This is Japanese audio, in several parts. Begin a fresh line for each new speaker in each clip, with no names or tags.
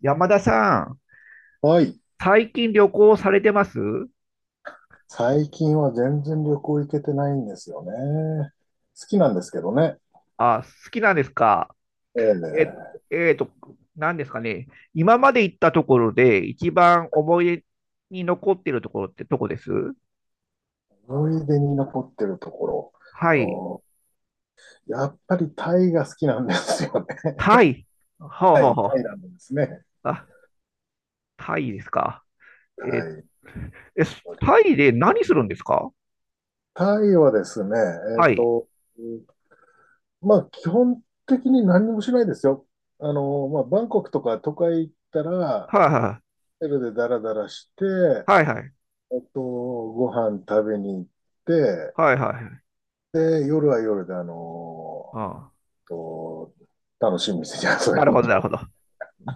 山田さん、
はい。
最近旅行されてます？
最近は全然旅行行けてないんですよね。好きなんですけどね。
好きなんですか？え、
ええ。
えーと、何ですかね。今まで行ったところで一番思い出に残っているところってどこです？
思い出に残ってるとこ
はい。
ろ。うん、やっぱりタイが好きなんですよね。
タイ。はあ、
は
はあ
い、タ
は
イなんですね。
あ、タイですか。
タ
え、
イ。
え、タイで何するんですか？
タイはですね、えっ
はい。
と、うん、まあ、基本的に何もしないですよ。まあ、バンコクとか都会行ったら、
はいはい。
ホテルでダラダラして、
はいはい。
ご飯食べに行って、
はいはい。
で、夜は夜で、あの
ああ、
ーと、楽しみですね、そ
な
れ
る
に。
ほど、なるほど。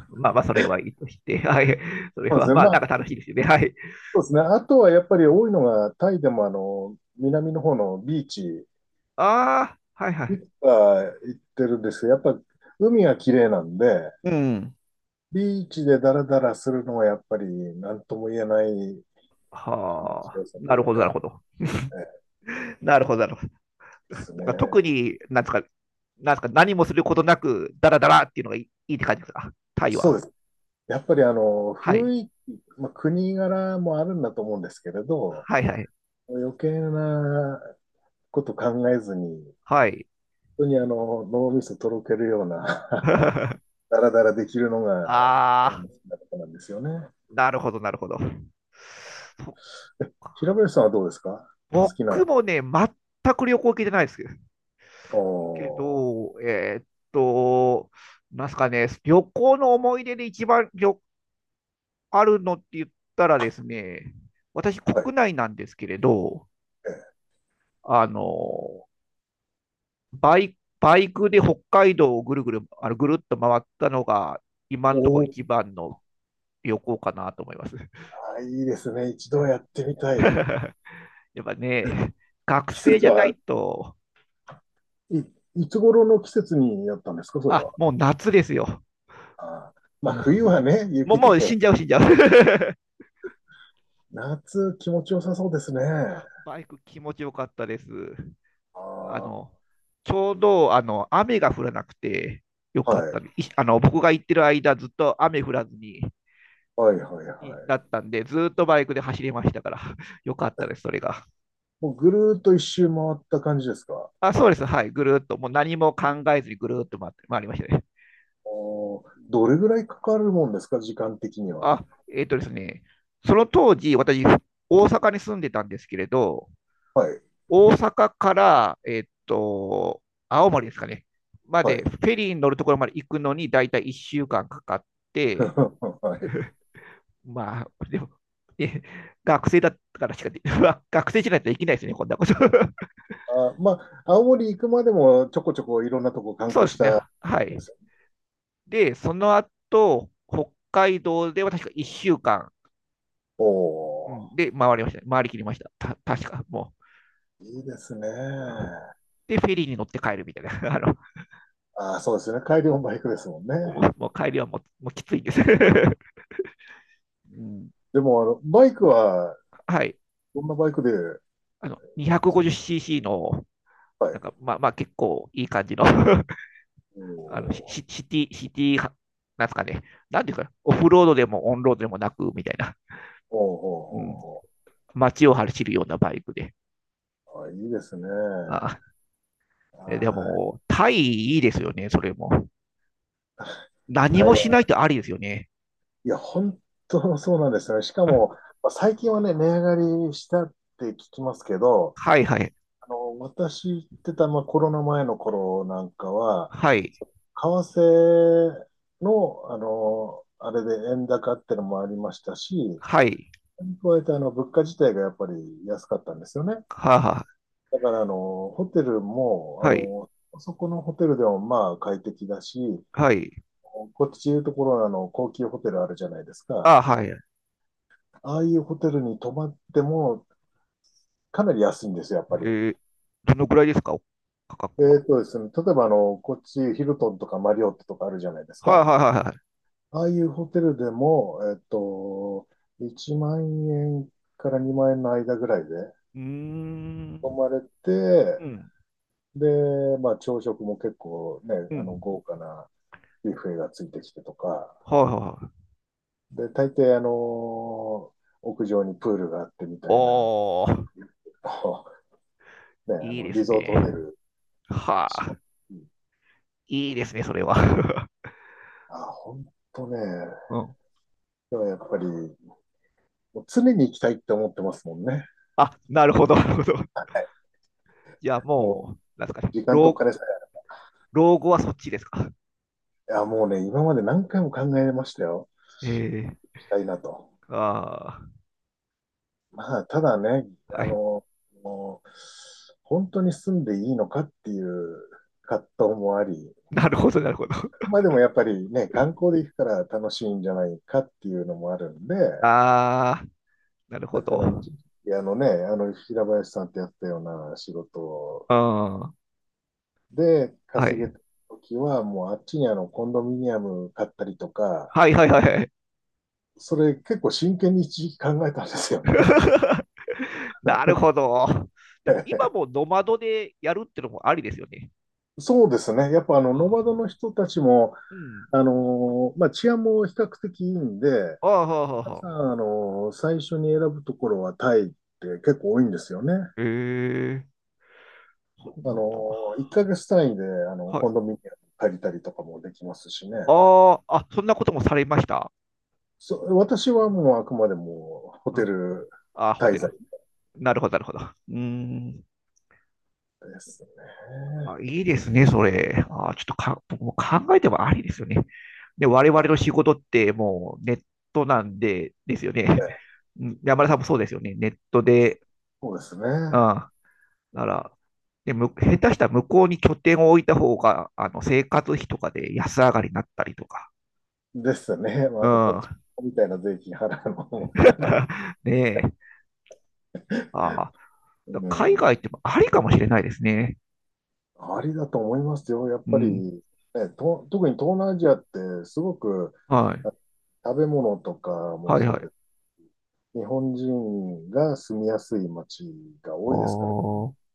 まあまあ、それはいいとして。はい。そ れ
そうで
は
すね。
まあ、
ま
なん
あ、
か楽しいですよね。はい。
そうですね。あとはやっぱり多いのが、タイでも南の方のビーチ、
ああ、はいは
い
い。
くつか行ってるんですけど、やっぱ海が綺麗なんで、
うん。
ビーチでダラダラするのはやっぱり何とも言えない気持ち
はあ、
よさと
なる
いう
ほど、なる
か、
ほど。
で
なるほど、なるほど。だか
す
ら特
ね。
に、なんですか、何もすることなく、ダラダラっていうのがいい、いいって感じですか、タイ
そ
は。
うです。やっぱり
は
雰
い。
囲気、まあ、国柄もあるんだと思うんですけれど、
はいはい。
余計なこと考えずに
はい。
当に脳みそとろけるような ダラダラできるのがあ
あ
の
あ、
好きなとことなんですよね。
なるほど、なるほど。そっ
平
か。
林さんはどうですか？好きな。
僕もね、全く旅行行けてないですけど、け
お
どえーっと、なんすかね、旅行の思い出で一番旅あるのって言ったらですね、私、
はい。
国内なんですけれど、あの、バイクで北海道をぐるぐる、あのぐるっと回ったのが、今のところ
お
一番の旅行かなと思います。
いいですね。一度やってみたい。
やっぱね、学
季
生
節
じゃな
は
いと、
い、いつ頃の季節にやったんですかそれ
あ、
は？
もう夏ですよ。
あまあ、
も
冬はね、
う、もう、
雪
もう死
で。
んじゃう、死んじゃう。
夏、気持ちよさそうですね。
バイク気持ちよかったです。あ
あ、
の、ちょうど、あの、雨が降らなくてよかったね。あの、僕が行ってる間、ずっと雨降らずに、
はいはいはいは
になっ
い。
たんで、ずーっとバイクで走れましたから、よかったです、それが。
もうぐるーっと一周回った感じですか？
あ、そうです、はい、ぐるーっと、もう何も考えずにぐるーっと回って、回りましたね。
どれぐらいかかるもんですか、時間的には？
あ、えっとですね、その当時、私、大阪に住んでたんですけれど、
はい、
大阪から、青森ですかね、ま
は
で、
い。
フェリーに乗るところまで行くのに、だいたい1週間かんかかって、
はい。
まあ、でも、え学生だったからしかで、学生じゃないとできないですね、こんなこと。
あ、まあ、青森行くまでもちょこちょこいろんなとこ 観
そう
光
で
し
すね、
たん
は
で
い。
すよ。
で、その後、北海道では確か1週間うかん
お
で回りましたね、回りきりました、た確か、も
ー、いいですね。
う。で、フェリーに乗って帰るみたいな、あの
あー、そうですね。帰りもバイクですもんね。
もう帰りはもうきついんです。うん。
でも、バイクは、
はい、
どんなバイクで、
あの 250cc の、
は
な
い。
んか、まあまあ結構いい感じのあの、
おー、
シティは、なんですかね、なんていうか、オフロードでもオンロードでもなく、みたいな、
おー、
うん、
お
街を走るようなバイクで。
ー、おー、おーあ、いいですね。
あで
はい。
も、タイいいですよね、それも。何もし
台
ないとありですよね。
いや、本当そうなんですよね。しかも、まあ、最近はね、値上がりしたって聞きますけど、
はいはい、
私行ってた、まあ、コロナ前の頃なんかは、
はい、
為替の、あれで円高ってのもありましたし、
はい、
それに加えて、物価自体がやっぱり安かったんですよね。
はは、
だから、ホテルも、
はい、
そこのホテルでもまあ快適だし、
はい、
こっちでいうところのあの高級ホテルあるじゃないです
ああ
か。
はい。
ああいうホテルに泊まっても、かなり安いんですよ、やっぱり。
ーどのくらいですか、価格は。
ですね、例えばこっち、ヒルトンとかマリオットとかあるじゃないです
はい
か。
はいはいはい。
ああいうホテルでも、1万円から2万円の間ぐらいで
うー
泊
ん、
まれて、
うん、
で、まあ、朝食も結構ね、
うん。
豪華なビュッフェがついてきてとか、
はいはいはい。
で、大抵、屋上にプールがあってみたいな、
おー、
あのね、
いいです
リゾー
ね。
トホテルに
は
し
あ。
も、
いいですね、それは。
あ、ほんね。
うん。
でもやっぱり、もう常に行きたいって思ってますもんね。
あ、なるほど、なるほど。じゃあ
もう、
もう、なんですかね。
時間とお金さ
老後はそっちですか？
え。いや、もうね、今まで何回も考えましたよ。行
ええ
きたいなと。
ーあ
まあ、ただね、
あ、は
あ
い。
の、もう、本当に住んでいいのかっていう葛藤もあり、
なるほど、なるほど。
まあでもやっぱりね、観光で行くから楽しいんじゃないかっていうのもあるんで、
ああ、なる
だ
ほ
か
ど。
ら一時期あの平林さんってやったような仕事
うん。は
で、稼げ
い。
た時は、もうあっちにコンドミニアム買ったりとか、
はいはいはいはい。
それ結構真剣に一時期考えたんですよね。
なるほど。でも今 もノマドでやるってのもありですよね。
そうですね。やっぱ
う
ノマ
ん。
ドの人たちも、
うん。
まあ、治安も比較的いいんで、
ああ、はあ、はあ、
皆
はあ。
さん、最初に選ぶところはタイって結構多いんですよね。
ええそうなんだ。
1ヶ月単位で、
はい。
コンドミニアム借りたりとかもできますしね。
ああ、あ、そんなこともされました？
私はもうあくまでもホ
うん。
テ
あ
ル
あ、ホ
滞
テ
在
ル。なるほど、なるほど。うーん。
ですね。
あ、いいですね、それ。あ、ちょっとか、僕も考えてもありですよね。で、我々の仕事ってもうネットなんで、ですよね。うん。山田さんもそうですよね。ネットで、
そうです
うん。
ね。
なら、で、下手したら向こうに拠点を置いた方が、あの、生活費とかで安上がりになったりとか。
ですね。まあ、
う
あと、こっち
ん。
みたいな税金払うのも嫌なんで。
ねえ。あ
う
あ、海外
ん。
ってもありかもしれないですね。
ありだと思いますよ。やっ
う
ぱり
ん。
ね、特に東南アジアってすごく
はい。
あ食べ物とかも
はいは
そう
い。
です。日本人が住みやすい街が
あ
多いですから。
あ。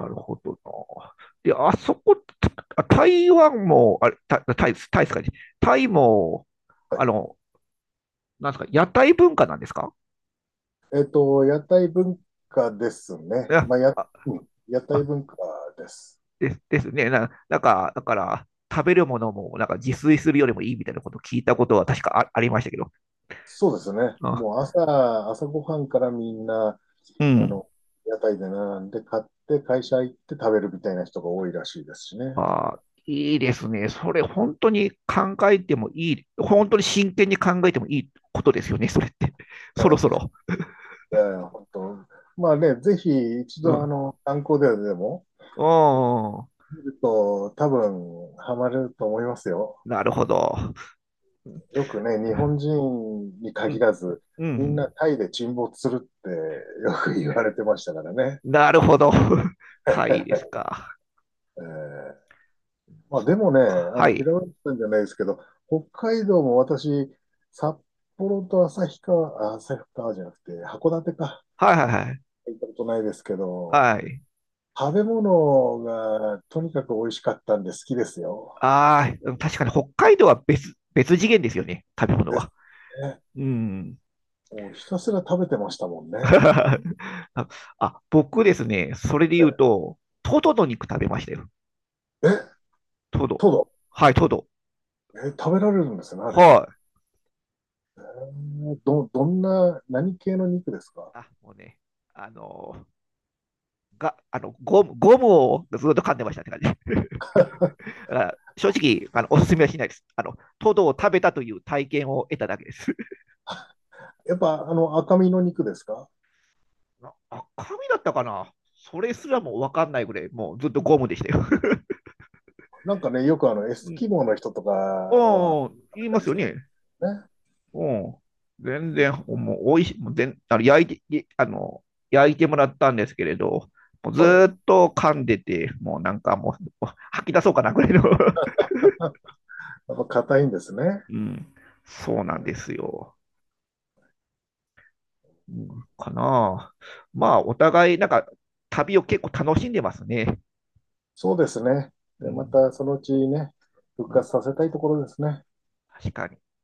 なるほどな。で、あそこ、台湾も、あれ、タイですタイですかね。タイも、
はい。
あの、なんですか、屋台文化なんですか？
屋台文化です
い
ね。
や、
まあ、
あ、
うん、屋台
あ、
文化です。
ですね。なんか、だから、食べるものも、なんか自炊するよりもいいみたいなことを聞いたことは確かありましたけど。
そうですね。
あ、
もう朝ごはんからみんな、
う
あ
ん。
の、屋台で並んで買って会社行って食べるみたいな人が多いらしいですしね。
あー、いいですね。それ、本当に考えてもいい、本当に真剣に考えてもいいことですよね、それって。
う
そろ
ん。
そろ。
いや本当。まあね、ぜひ一
う
度
ん。
観光ででも
うん。
見ると多分ハマれると思いますよ。
なるほど。
よくね、日本人に
う
限
ん、
らず、
う
みんな
ん。
タイで沈没するってよく言われてましたからね。
なるほど。タイです か。
えーまあ
そっ
でもね、
か。はい。
平林さんじゃないですけど、北海道も私、札幌と旭川、あ、旭川じゃなくて、函館か、
はいはいはい。
行ったことないですけど、
はい。
食べ物がとにかく美味しかったんで好きですよ。
ああ、うん。確かに北海道は別次元ですよね。食べ物
で
は。
すね。
うん。
もうひたすら食べてましたもんね。
あ、僕ですね、それで
え、
言うと、トドの肉食べましたよ。
え、
トド。
トド。
はい、トド。
え、食べられるんですね、あれ。
はい。
どんな、何系の肉ですか？
あ、もうね、あのあの、ゴムをずっと噛んでましたって感じ。だから正直、あの、おすすめはしないです。あの、トドを食べたという体験を得ただけです。
やっぱ、赤身の肉ですか？
赤身だったかなそれすらも分かんないぐらい、もうずっとゴムでしたよ。
なんかね、よくエ
う
ス
ん、
キモの人とかは、
言い
あ
ます
れ
よ
する
ね。
ね。
うん。全然、もう、おいしい、もう全、あの、焼いて、いあの、焼いてもらったんですけれど、もうず
は
ー
い。
っと噛んでて、もうなんかもう、吐き出そうかなぐらいの。
やっぱ硬いんですね。
うん。そうなんですよ。うん、かなあ。まあ、お互い、なんか、旅を結構楽しんでますね。
そうですね。
う
で、ま
ん。
たそのうちね、復
うん
活させたいところですね。
確かに。